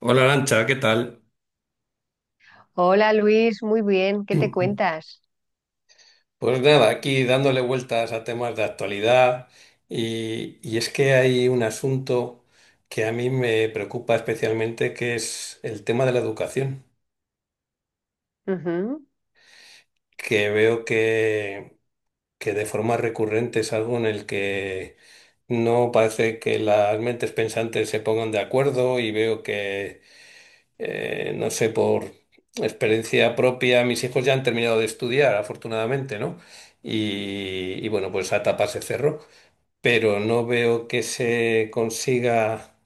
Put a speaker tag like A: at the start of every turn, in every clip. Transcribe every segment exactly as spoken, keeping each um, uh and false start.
A: Hola Lancha, ¿qué tal?
B: Hola Luis, muy bien, ¿qué te cuentas?
A: Pues nada, aquí dándole vueltas a temas de actualidad y, y es que hay un asunto que a mí me preocupa especialmente, que es el tema de la educación,
B: Ujú.
A: que veo que, que de forma recurrente es algo en el que no parece que las mentes pensantes se pongan de acuerdo y veo que eh, no sé, por experiencia propia, mis hijos ya han terminado de estudiar, afortunadamente, ¿no? Y, y bueno, pues esa etapa se cerró, pero no veo que se consiga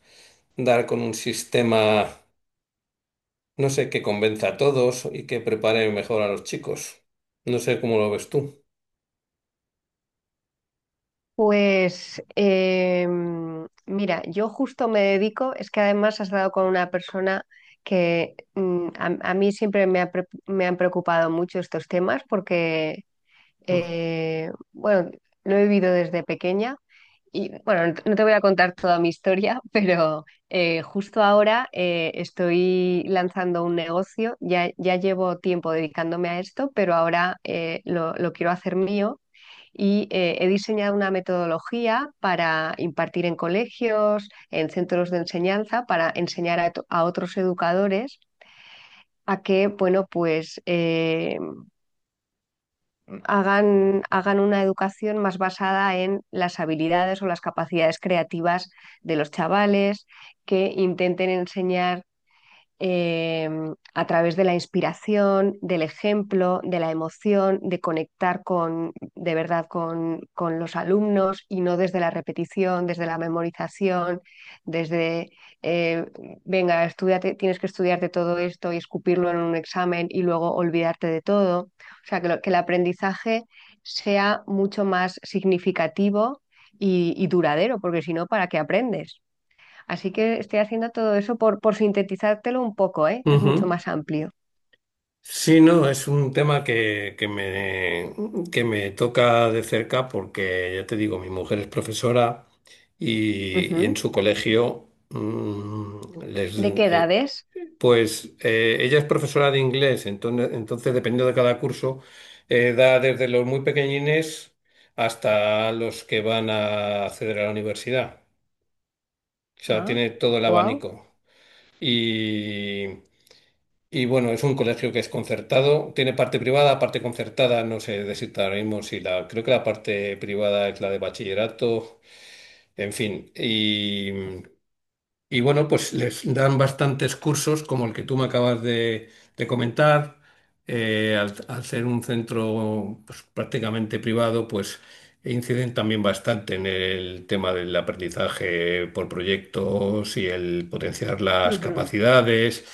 A: dar con un sistema, no sé, que convenza a todos y que prepare mejor a los chicos. No sé cómo lo ves tú.
B: Pues em, mira, yo justo me dedico, es que además has dado con una persona que mm, a, a mí siempre me, ha pre- me han preocupado mucho estos temas porque, eh, bueno, lo he vivido desde pequeña. Y bueno, no no te voy a contar toda mi historia, pero eh, justo ahora eh, estoy lanzando un negocio. Ya, ya llevo tiempo dedicándome a esto, pero ahora eh, lo, lo quiero hacer mío y eh, he diseñado una metodología para impartir en colegios, en centros de enseñanza, para enseñar a, to- a otros educadores a que, bueno, pues eh, hagan, hagan una educación más basada en las habilidades o las capacidades creativas de los chavales, que intenten enseñar eh, a través de la inspiración, del ejemplo, de la emoción, de conectar con, de verdad con, con los alumnos y no desde la repetición, desde la memorización, desde, eh, venga, estudiate, tienes que estudiarte todo esto y escupirlo en un examen y luego olvidarte de todo. O sea, que, lo, que el aprendizaje sea mucho más significativo y, y duradero, porque si no, ¿para qué aprendes? Así que estoy haciendo todo eso por, por sintetizártelo un poco, ¿eh? Que es mucho
A: Ujú.
B: más amplio.
A: Sí, no, es un tema que, que me, que me toca de cerca porque, ya te digo, mi mujer es profesora y, y en
B: Ujú.
A: su colegio, mm, les,
B: ¿De qué
A: eh,
B: edades?
A: pues eh, ella es profesora de inglés, entonces, entonces dependiendo de cada curso, eh, da desde los muy pequeñines hasta los que van a acceder a la universidad. O sea,
B: Ah,
A: tiene todo el
B: wow.
A: abanico. Y bueno, es un colegio que es concertado, tiene parte privada, parte concertada, no sé decirte ahora mismo si la, creo que la parte privada es la de bachillerato, en fin, y, y bueno, pues les dan bastantes cursos, como el que tú me acabas de, de comentar. Eh, al, al ser un centro pues, prácticamente privado, pues inciden también bastante en el tema del aprendizaje por proyectos y el potenciar las
B: Ujú.
A: capacidades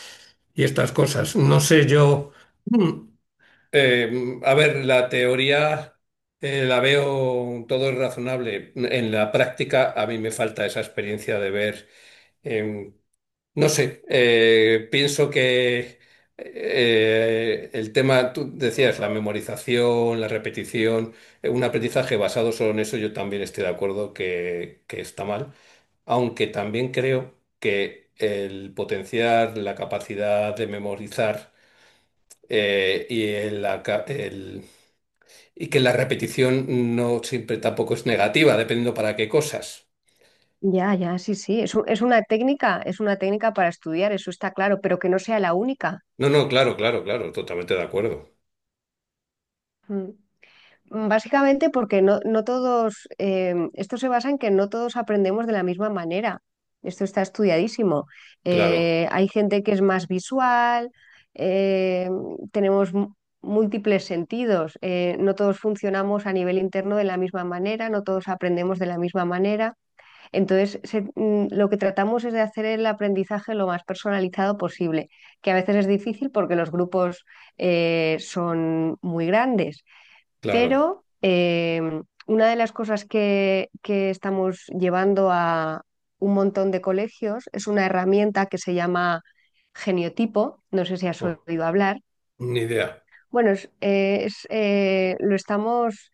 A: y estas cosas. No sé yo. mm, eh, a ver, la teoría eh, la veo todo es razonable. En la práctica, a mí me falta esa experiencia de ver no sé, eh, pienso que eh, el tema, tú decías, la memorización, la repetición, eh, un aprendizaje basado solo en eso, yo también estoy de acuerdo que, que está mal, aunque también creo que el potenciar la capacidad de memorizar eh, y, el aca- el- y que la repetición no siempre tampoco es negativa, dependiendo para qué cosas.
B: Ya, ya, sí, sí. Es, un- es una técnica, es una técnica para estudiar, eso está claro, pero que no sea la única.
A: No, no, claro, claro, claro, totalmente de acuerdo.
B: Mm. mm, Básicamente porque no, no todos, eh, esto se basa en que no todos aprendemos de la misma manera. Esto está estudiadísimo.
A: Claro,
B: Eh, hay gente que es más visual, eh, tenemos mu- múltiples sentidos, eh, no todos funcionamos a nivel interno de la misma manera, no todos aprendemos de la misma manera. Entonces, se- mm, lo que tratamos es de hacer el aprendizaje lo más personalizado posible, que a veces es difícil porque los grupos eh, son muy grandes,
A: claro.
B: pero eh, una de las cosas que, que estamos llevando a un montón de colegios es una herramienta que se llama geniotipo, no sé si has oído hablar.
A: Ni idea.
B: Bueno, es, eh, es, eh, lo estamos,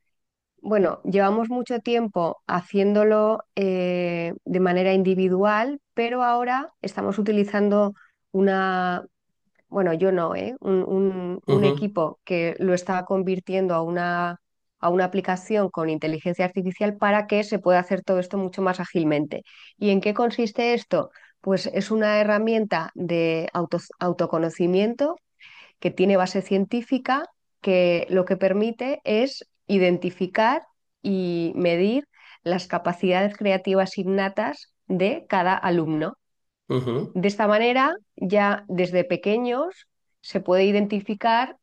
B: bueno, llevamos mucho tiempo haciéndolo eh, de manera individual, pero ahora estamos utilizando una, bueno, yo no, ¿eh? Un, un- un
A: Ujú,
B: equipo que lo está convirtiendo a una, a una aplicación con inteligencia artificial para que se pueda hacer todo esto mucho más ágilmente. ¿Y en qué consiste esto? Pues es una herramienta de auto- autoconocimiento que tiene base científica, que lo que permite es identificar y medir las capacidades creativas innatas de cada alumno.
A: ujú.
B: De esta manera, ya desde pequeños se puede identificar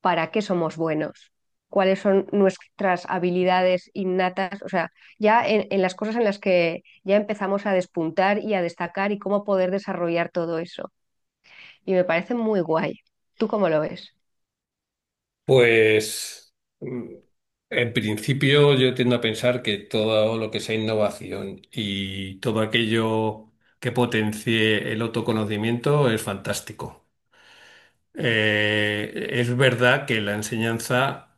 B: para qué somos buenos, cuáles son nuestras habilidades innatas, o sea, ya en, en las cosas en las que ya empezamos a despuntar y a destacar y cómo poder desarrollar todo eso. Y me parece muy guay. ¿Tú cómo lo ves?
A: Pues mm, en principio yo tiendo a pensar que todo lo que sea innovación y todo aquello que potencie el autoconocimiento es fantástico. Eh, es verdad que la enseñanza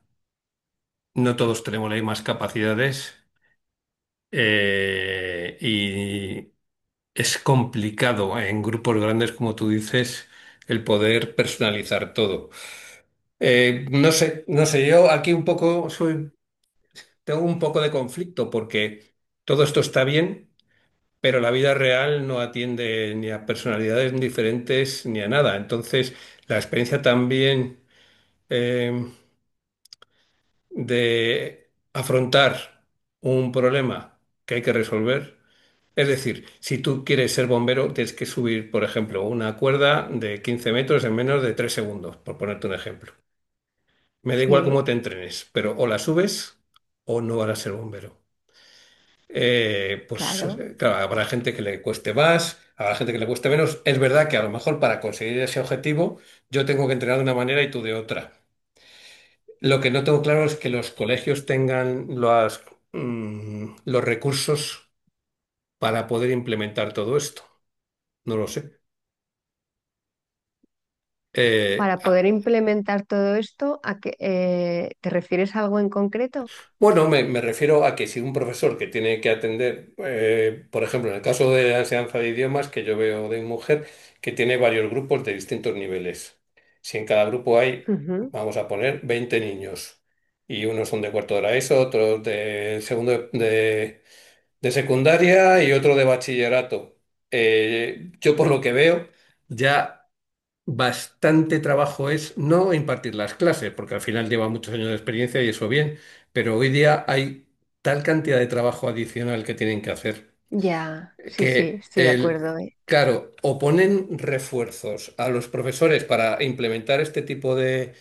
A: no todos tenemos las mismas capacidades eh, y es complicado en grupos grandes, como tú dices, el poder personalizar todo. Eh, no sé, no sé, yo aquí un poco soy, tengo un poco de conflicto porque todo esto está bien, pero la vida real no atiende ni a personalidades diferentes ni a nada. Entonces, la experiencia también eh, de afrontar un problema que hay que resolver. Es decir, si tú quieres ser bombero, tienes que subir, por ejemplo, una cuerda de quince metros en menos de tres segundos, por ponerte un ejemplo. Me da igual cómo
B: Sí,
A: te entrenes, pero o la subes o no vas a ser bombero. Eh, pues
B: claro.
A: eh, claro, habrá gente que le cueste más, habrá gente que le cueste menos. Es verdad que a lo mejor para conseguir ese objetivo yo tengo que entrenar de una manera y tú de otra. Lo que no tengo claro es que los colegios tengan las, mm, los recursos para poder implementar todo esto. No lo sé. Eh,
B: Para poder implementar todo esto, ¿a qué, eh, te refieres a algo en concreto?
A: Bueno, me, me refiero a que si un profesor que tiene que atender, eh, por ejemplo, en el caso de la enseñanza de idiomas que yo veo de mujer, que tiene varios grupos de distintos niveles. Si en cada grupo hay,
B: Ujú.
A: vamos a poner, veinte niños, y unos son de cuarto de la ESO, otros de segundo de, de secundaria y otro de bachillerato. Eh, yo por lo que veo, ya... Bastante trabajo es no impartir las clases, porque al final lleva muchos años de experiencia y eso bien, pero hoy día hay tal cantidad de trabajo adicional que tienen que hacer
B: Ya, sí, sí,
A: que
B: estoy de
A: el,
B: acuerdo, ¿eh?
A: claro, o ponen refuerzos a los profesores para implementar este tipo de,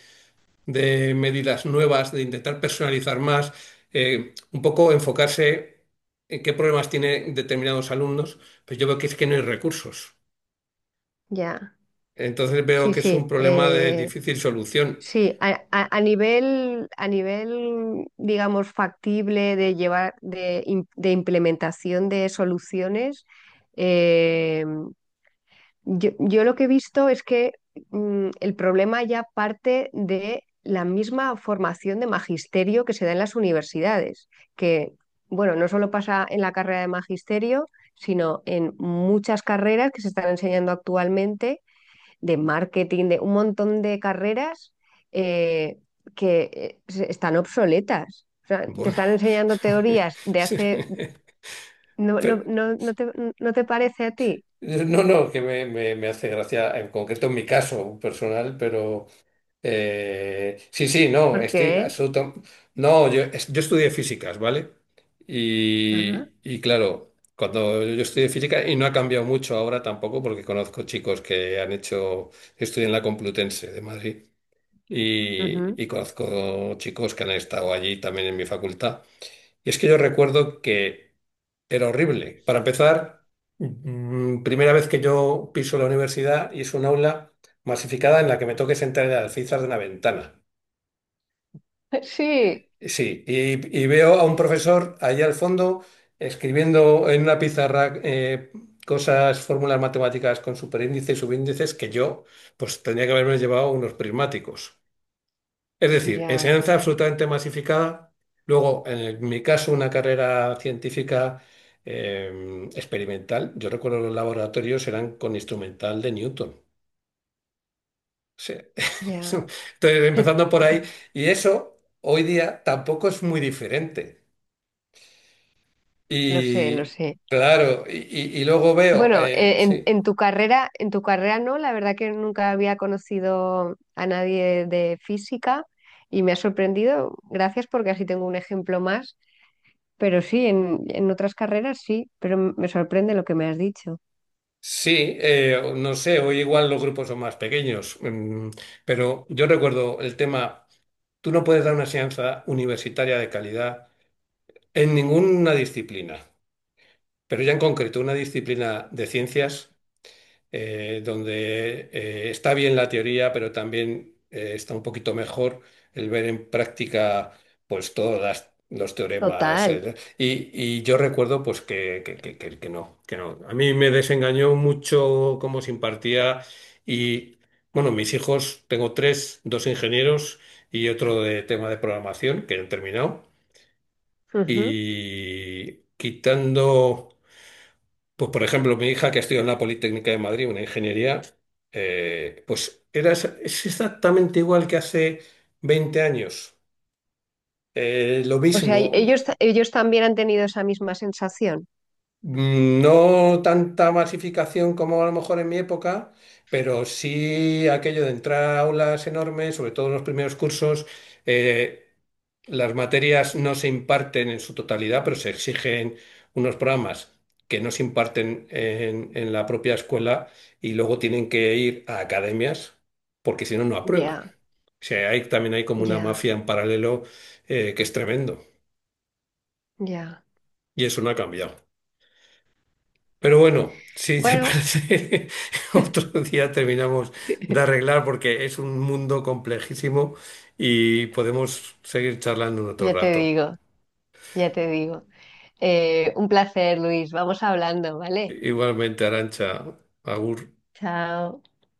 A: de medidas nuevas, de intentar personalizar más, eh, un poco enfocarse en qué problemas tienen determinados alumnos, pues yo veo que es que no hay recursos.
B: Ya.
A: Entonces veo
B: Sí,
A: que es un
B: sí,
A: problema de
B: eh,
A: difícil solución.
B: sí, a, a- a nivel, a nivel, digamos, factible de llevar, de, im- de implementación de soluciones, eh, yo, yo lo que he visto es que mm, el problema ya parte de la misma formación de magisterio que se da en las universidades, que, bueno, no solo pasa en la carrera de magisterio, sino en muchas carreras que se están enseñando actualmente de marketing, de un montón de carreras eh, que eh, se- están obsoletas. O sea, te
A: Bueno,
B: están enseñando teorías de hace... No, no,
A: pero-
B: no, no te, no te parece a ti.
A: no, no, que me, me- me hace gracia, en concreto en mi caso personal, pero eh, sí, sí, no,
B: ¿Por
A: estoy
B: qué?
A: absoluto. No, yo, es- yo estudié físicas, ¿vale?
B: Ah,
A: Y, y claro, cuando yo estudié física, y no ha cambiado mucho ahora tampoco, porque conozco chicos que han hecho, estudian en la Complutense de Madrid, y,
B: ujú.
A: y conozco chicos que han estado allí también en mi facultad. Y es que yo recuerdo que. Era horrible. Para empezar, mm, primera vez que yo piso la universidad y es un aula masificada en la que me toque sentar en el alféizar de una ventana.
B: Sí,
A: Sí, y, y veo a un profesor allá al fondo escribiendo en una pizarra eh, cosas, fórmulas matemáticas con superíndices y subíndices que yo pues tendría que haberme llevado unos prismáticos. Es decir,
B: ya,
A: enseñanza absolutamente masificada. Luego, en el- mi caso, una carrera científica eh, experimental. Yo recuerdo los laboratorios eran con instrumental de Newton. O
B: ya.
A: Entonces, empezando por ahí. Y eso, hoy día, tampoco es muy diferente.
B: Lo sé, lo
A: Y
B: sé.
A: claro, y, y- y luego veo,
B: Bueno,
A: eh,
B: eh, en,
A: sí.
B: en tu carrera, en tu carrera no, la verdad que nunca había conocido a nadie de física y me ha sorprendido. Gracias porque así tengo un ejemplo más. Pero sí, en, en otras carreras sí, pero m- me sorprende lo que me has dicho.
A: Sí, eh, no sé, hoy igual los grupos son más pequeños, mm, pero yo recuerdo el tema. Tú no puedes dar una enseñanza universitaria de calidad en ninguna disciplina, pero ya en concreto una disciplina de ciencias eh, donde eh, está bien la teoría, pero también eh, está un poquito mejor el ver en práctica pues todos las- los teoremas.
B: Total.
A: el- y, y yo recuerdo pues que, que, que, que- que no, que no. A mí me desengañó mucho cómo se impartía y bueno, mis hijos, tengo tres, dos ingenieros y otro de tema de programación que han terminado.
B: Ujú.
A: Y quitando... Pues, por ejemplo, mi hija que estudia en la Politécnica de Madrid, una ingeniería, eh, pues era, es es exactamente igual que hace veinte años. Eh, lo
B: O sea, y-
A: mismo.
B: ellos, ta- ellos también han tenido esa misma sensación.
A: Mm, No tanta masificación como a lo mejor en mi época, pero sí aquello de entrar a aulas enormes, sobre todo en los primeros cursos. eh, las materias no se imparten en su totalidad, pero se exigen unos programas que no se imparten en, en la propia escuela y luego tienen que ir a academias porque si no, no aprueban.
B: Ya,
A: O sea, hay, también hay como una
B: ya,
A: mafia en paralelo eh, que es tremendo
B: ya.
A: y eso no ha cambiado. Pero bueno, si te
B: Bueno,
A: parece, otro día terminamos de arreglar porque es un mundo complejísimo y podemos seguir charlando en otro
B: ya te
A: rato.
B: digo, ya te digo. Eh, un placer, Luis. Vamos hablando, ¿vale?
A: Igualmente, Arancha, Agur.
B: Chao.